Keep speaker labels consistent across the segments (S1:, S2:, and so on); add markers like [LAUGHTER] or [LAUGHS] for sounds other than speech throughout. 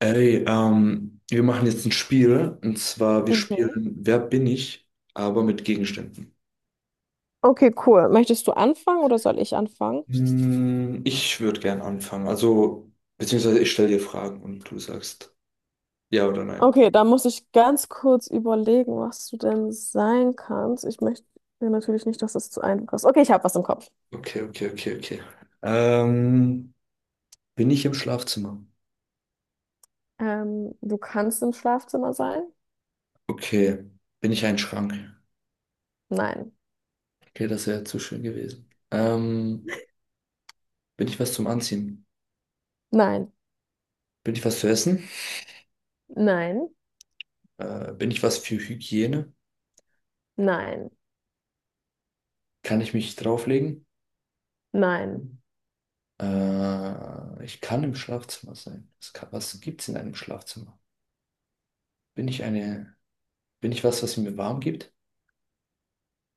S1: Wir machen jetzt ein Spiel, und zwar wir
S2: Mhm.
S1: spielen Wer bin ich, aber mit Gegenständen.
S2: Okay, cool. Möchtest du anfangen oder soll ich anfangen?
S1: Ich würde gern anfangen, also beziehungsweise ich stelle dir Fragen und du sagst ja oder nein.
S2: Okay, da muss ich ganz kurz überlegen, was du denn sein kannst. Ich möchte ja natürlich nicht, dass das zu einfach ist. Okay, ich habe was im Kopf.
S1: Okay, okay, okay, okay. Ähm, Bin ich im Schlafzimmer?
S2: Du kannst im Schlafzimmer sein?
S1: Okay. Bin ich ein Schrank?
S2: Nein.
S1: Okay, das wäre zu schön gewesen. Bin ich was zum Anziehen?
S2: Nein.
S1: Bin ich was zu essen?
S2: Nein.
S1: Bin ich was für Hygiene?
S2: Nein.
S1: Kann ich mich drauflegen?
S2: Nein.
S1: Ich kann im Schlafzimmer sein. Was gibt's in einem Schlafzimmer? Bin ich eine, Bin ich was, was mir warm gibt?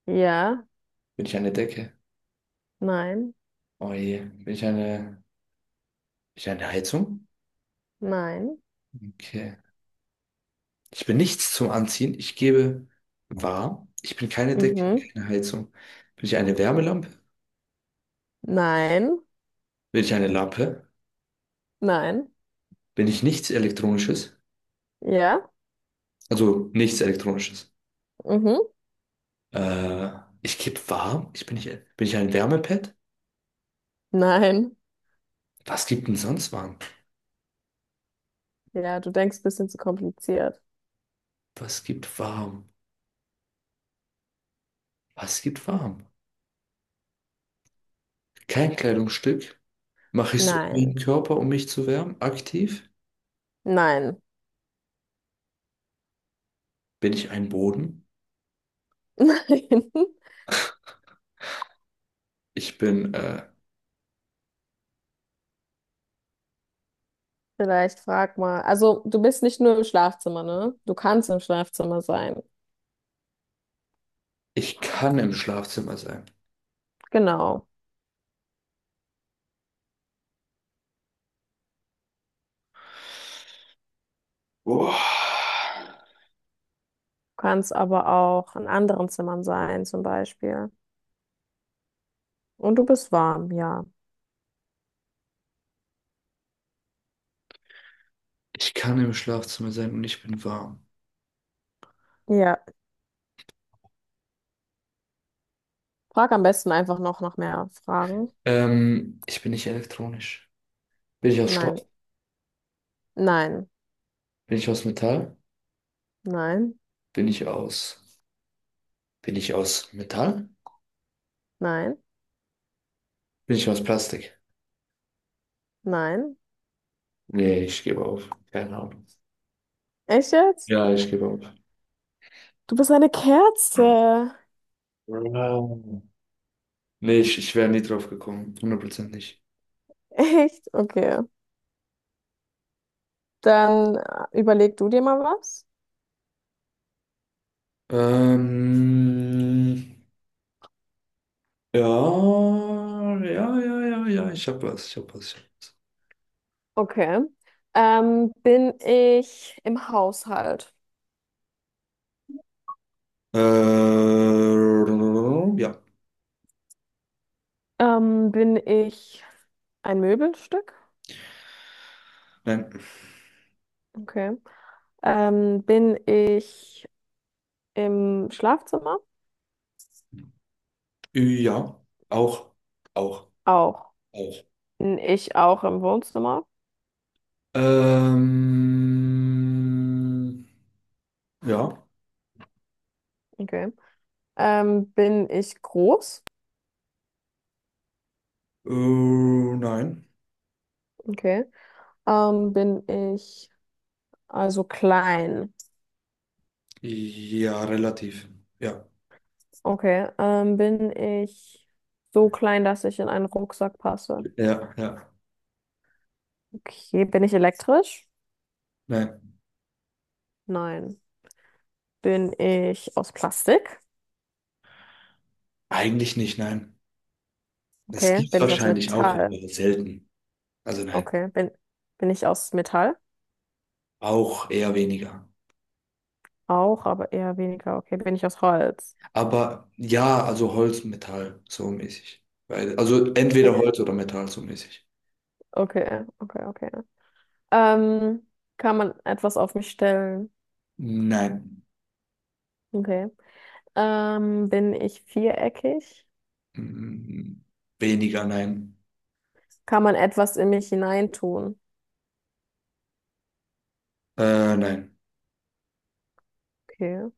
S2: Ja.
S1: Bin ich eine Decke?
S2: Nein.
S1: Oh je. Bin ich eine, Bin ich eine Heizung?
S2: Nein.
S1: Okay. Ich bin nichts zum Anziehen. Ich gebe warm. Ich bin keine Decke,
S2: Mhm.
S1: keine Heizung. Bin ich eine Wärmelampe?
S2: Nein.
S1: Bin ich eine Lampe?
S2: Nein.
S1: Bin ich nichts Elektronisches?
S2: Ja.
S1: Also nichts Elektronisches.
S2: Mhm.
S1: Äh, Ich gebe warm. Ich bin nicht, Bin ich ein Wärmepad?
S2: Nein.
S1: Was gibt denn sonst warm?
S2: Ja, du denkst ein bisschen zu kompliziert.
S1: Was gibt warm? Was gibt warm? Kein Kleidungsstück. Mache ich es um den
S2: Nein.
S1: Körper, um mich zu wärmen? Aktiv?
S2: Nein.
S1: Bin ich ein Boden?
S2: [LAUGHS] Nein.
S1: Ich bin, äh,
S2: Vielleicht frag mal. Also, du bist nicht nur im Schlafzimmer, ne? Du kannst im Schlafzimmer sein.
S1: Ich kann im Schlafzimmer sein.
S2: Genau.
S1: Boah.
S2: Du kannst aber auch in anderen Zimmern sein, zum Beispiel. Und du bist warm, ja.
S1: Ich kann im Schlafzimmer sein und ich bin warm.
S2: Ja. Frag am besten einfach noch nach mehr Fragen.
S1: Ich bin nicht elektronisch. Bin ich aus Stoff?
S2: Nein. Nein.
S1: Bin ich aus Metall?
S2: Nein.
S1: Bin ich aus, Bin ich aus Metall?
S2: Nein.
S1: Bin ich aus Plastik?
S2: Nein.
S1: Nee, ich gebe auf. Keine Ahnung.
S2: Echt jetzt?
S1: Ja, ich gebe auf.
S2: Du bist eine Kerze.
S1: Wow. Nee, ich wäre nie drauf gekommen. 100% nicht.
S2: [LAUGHS] Echt? Okay. Dann überleg du dir mal was.
S1: Ähm, ja, ja, ja, ja, ja, ich hab
S2: Okay. Bin ich im Haushalt?
S1: was. Ja,
S2: Bin ich ein Möbelstück?
S1: nein,
S2: Okay. Bin ich im Schlafzimmer?
S1: ja, auch, auch,
S2: Auch.
S1: auch.
S2: Bin ich auch im Wohnzimmer?
S1: Ähm, ja,
S2: Okay. Bin ich groß?
S1: nein,
S2: Okay. Bin ich also klein?
S1: ja, relativ, ja,
S2: Okay. Bin ich so klein, dass ich in einen Rucksack passe?
S1: ja, ja,
S2: Okay. Bin ich elektrisch?
S1: nein,
S2: Nein. Bin ich aus Plastik?
S1: eigentlich nicht, nein. Es
S2: Okay.
S1: gibt
S2: Bin ich aus
S1: wahrscheinlich auch,
S2: Metall?
S1: aber selten. Also nein,
S2: Okay. Bin ich aus Metall?
S1: auch eher weniger.
S2: Auch, aber eher weniger. Okay. Bin ich aus Holz?
S1: Aber ja, also Holz, Metall, so mäßig. Weil, also entweder
S2: Okay.
S1: Holz oder Metall, so mäßig.
S2: Okay, okay, okay. Ähm, kann man etwas auf mich stellen?
S1: Nein.
S2: Okay. Bin ich viereckig?
S1: Mm, Weniger, nein.
S2: Kann man etwas in mich hineintun?
S1: Nein.
S2: Okay.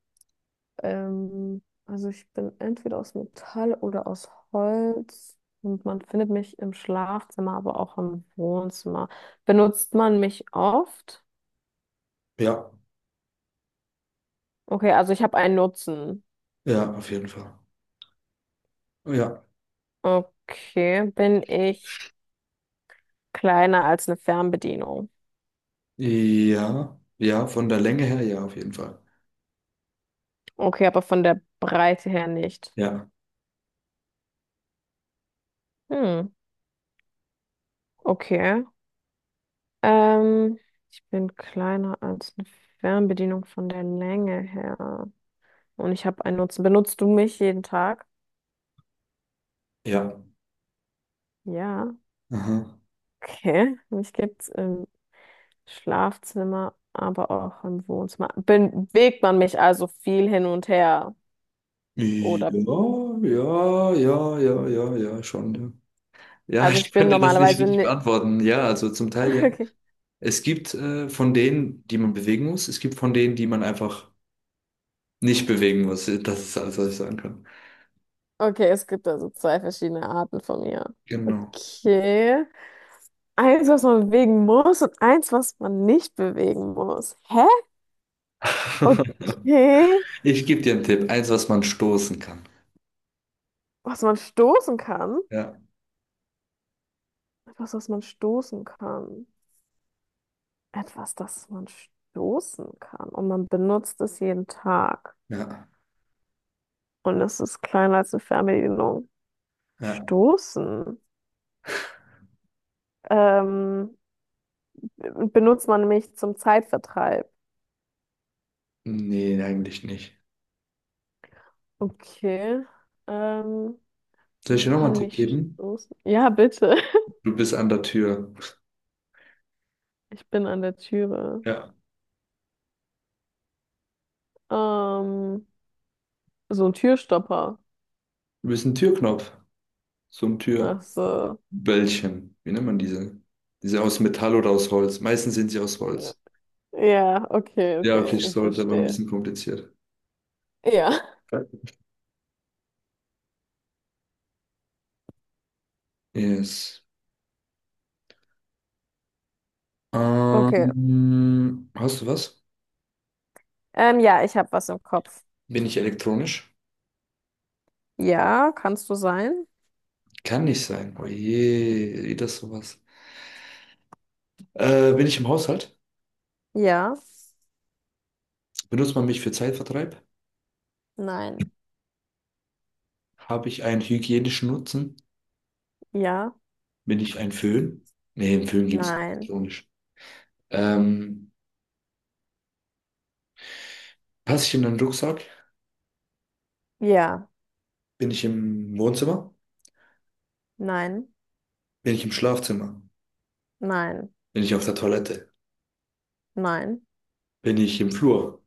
S2: Also ich bin entweder aus Metall oder aus Holz und man findet mich im Schlafzimmer, aber auch im Wohnzimmer. Benutzt man mich oft?
S1: Ja,
S2: Okay, also ich habe einen Nutzen.
S1: ja, auf jeden Fall. Ja.
S2: Okay, bin ich kleiner als eine Fernbedienung?
S1: Ja, ja, von der Länge her, ja, auf jeden Fall.
S2: Okay, aber von der Breite her nicht.
S1: Ja,
S2: Hm, okay. Ähm, ich bin kleiner als eine Fernbedienung von der Länge her. Und ich habe einen Nutzen. Benutzt du mich jeden Tag?
S1: ja.
S2: Ja.
S1: Aha.
S2: Okay, mich gibt's im Schlafzimmer, aber auch im Wohnzimmer. Bewegt man mich also viel hin und her?
S1: Ja,
S2: Oder,
S1: ja, ja, ja, ja, ja, schon. Ja. Ja, [LAUGHS]
S2: also
S1: ich
S2: ich bin
S1: könnte das nicht
S2: normalerweise
S1: richtig
S2: nicht. [LAUGHS]
S1: beantworten. Ja, also zum Teil ja.
S2: Okay.
S1: Es gibt von denen, die man bewegen muss, es gibt von denen, die man einfach nicht bewegen muss. Das ist alles, was ich sagen kann.
S2: Okay, es gibt also zwei verschiedene Arten von mir.
S1: Genau.
S2: Okay. Eins, was man bewegen muss und eins, was man nicht bewegen muss. Hä?
S1: [LAUGHS]
S2: Okay.
S1: Ich gebe dir einen Tipp. Eins, was man stoßen kann.
S2: Was man stoßen kann?
S1: Ja,
S2: Etwas, was man stoßen kann. Etwas, das man stoßen kann. Und man benutzt es jeden Tag.
S1: ja,
S2: Und es ist kleiner als eine Fernbedienung.
S1: ja.
S2: Stoßen. Ähm, benutzt man mich zum Zeitvertreib?
S1: Nee, eigentlich nicht.
S2: Okay. Ähm,
S1: Soll ich
S2: man
S1: dir nochmal einen
S2: kann
S1: Tipp
S2: mich
S1: geben?
S2: stoßen. Ja, bitte. [LAUGHS]
S1: Du bist an der Tür.
S2: Ich bin an der Türe.
S1: Ja.
S2: Ähm, so ein Türstopper.
S1: Du bist ein Türknopf. So ein Türböllchen.
S2: Ach so.
S1: Wie nennt man diese? Diese aus Metall oder aus Holz. Meistens sind sie aus
S2: Ja,
S1: Holz.
S2: ja, okay,
S1: Ja, okay,
S2: okay.
S1: ich
S2: Ich
S1: sollte, aber ein
S2: verstehe.
S1: bisschen kompliziert.
S2: Ja.
S1: Yes.
S2: Okay.
S1: Hast du was?
S2: Ja, ich habe was im Kopf.
S1: Bin ich elektronisch?
S2: Ja, kannst du sein?
S1: Kann nicht sein. Oh je, wie das sowas. Bin ich im Haushalt?
S2: Ja.
S1: Benutzt man mich für Zeitvertreib?
S2: Nein.
S1: Habe ich einen hygienischen Nutzen?
S2: Ja.
S1: Bin ich ein Föhn? Nee, einen Föhn gibt es nicht.
S2: Nein.
S1: Ironisch. Ähm, Passe ich in einen Rucksack?
S2: Ja.
S1: Bin ich im Wohnzimmer?
S2: Nein,
S1: Bin ich im Schlafzimmer?
S2: nein,
S1: Bin ich auf der Toilette?
S2: nein,
S1: Bin ich im Flur?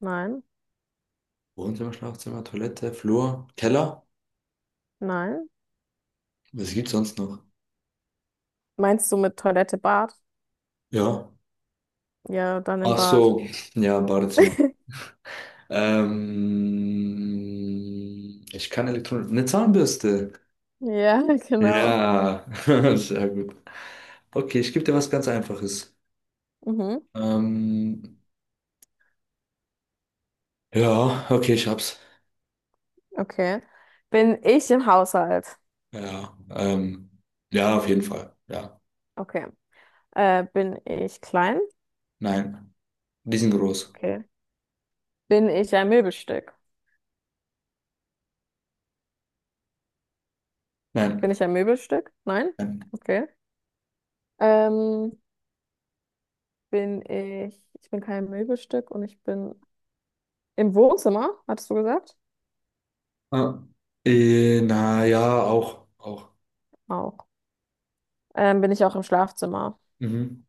S2: nein,
S1: Wohnzimmer, Schlafzimmer, Toilette, Flur, Keller?
S2: nein.
S1: Was gibt's sonst noch?
S2: Meinst du mit Toilette, Bad?
S1: Ja.
S2: Ja, dann im
S1: Ach
S2: Bad.
S1: so, ja, Badezimmer. Ich kann Elektronik. Eine Zahnbürste.
S2: Ja, [LAUGHS] genau.
S1: Ja, [LAUGHS] sehr gut. Okay, ich gebe dir was ganz Einfaches.
S2: Mhm,
S1: Ähm, ja, okay, ich hab's.
S2: okay. Bin ich im Haushalt?
S1: Ja, ja, auf jeden Fall. Ja,
S2: Okay. Bin ich klein?
S1: nein, die sind groß.
S2: Okay. Bin ich ein Möbelstück? Bin
S1: Nein,
S2: ich ein Möbelstück? Nein?
S1: nein.
S2: Okay. Ähm, ich bin kein Möbelstück und ich bin im Wohnzimmer, hattest du gesagt?
S1: Ah, na ja, auch, auch.
S2: Auch. Bin ich auch im Schlafzimmer?
S1: Mhm.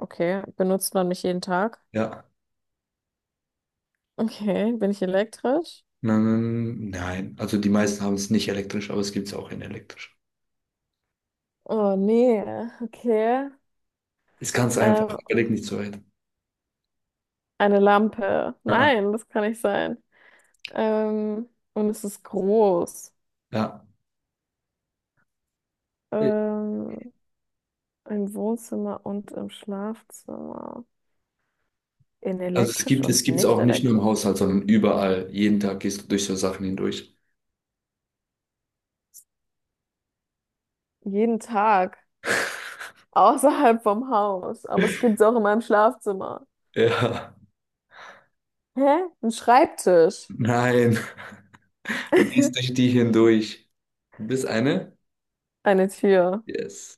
S2: Okay. Benutzt man mich jeden Tag?
S1: Ja,
S2: Okay, bin ich elektrisch?
S1: nein, nein. Also die meisten haben es nicht elektrisch, aber es gibt's auch in elektrisch.
S2: Oh nee, okay.
S1: Ist ganz einfach.
S2: Ähm,
S1: Überleg nicht so weit.
S2: eine Lampe.
S1: Ah, ah.
S2: Nein, das kann nicht sein. Ähm, und es ist groß.
S1: Ja.
S2: Ähm, im Wohnzimmer und im Schlafzimmer. In
S1: Also es
S2: elektrisch
S1: gibt, es
S2: und
S1: gibt's
S2: nicht
S1: auch nicht nur im
S2: elektrisch.
S1: Haushalt, sondern überall. Jeden Tag gehst du durch so Sachen hindurch.
S2: Jeden Tag. Außerhalb vom Haus. Aber es
S1: [LAUGHS]
S2: gibt es auch in meinem Schlafzimmer.
S1: Ja.
S2: Hä? Ein Schreibtisch.
S1: Nein, du gehst
S2: [LAUGHS]
S1: durch die hindurch. Du bist eine?
S2: Eine Tür.
S1: Yes.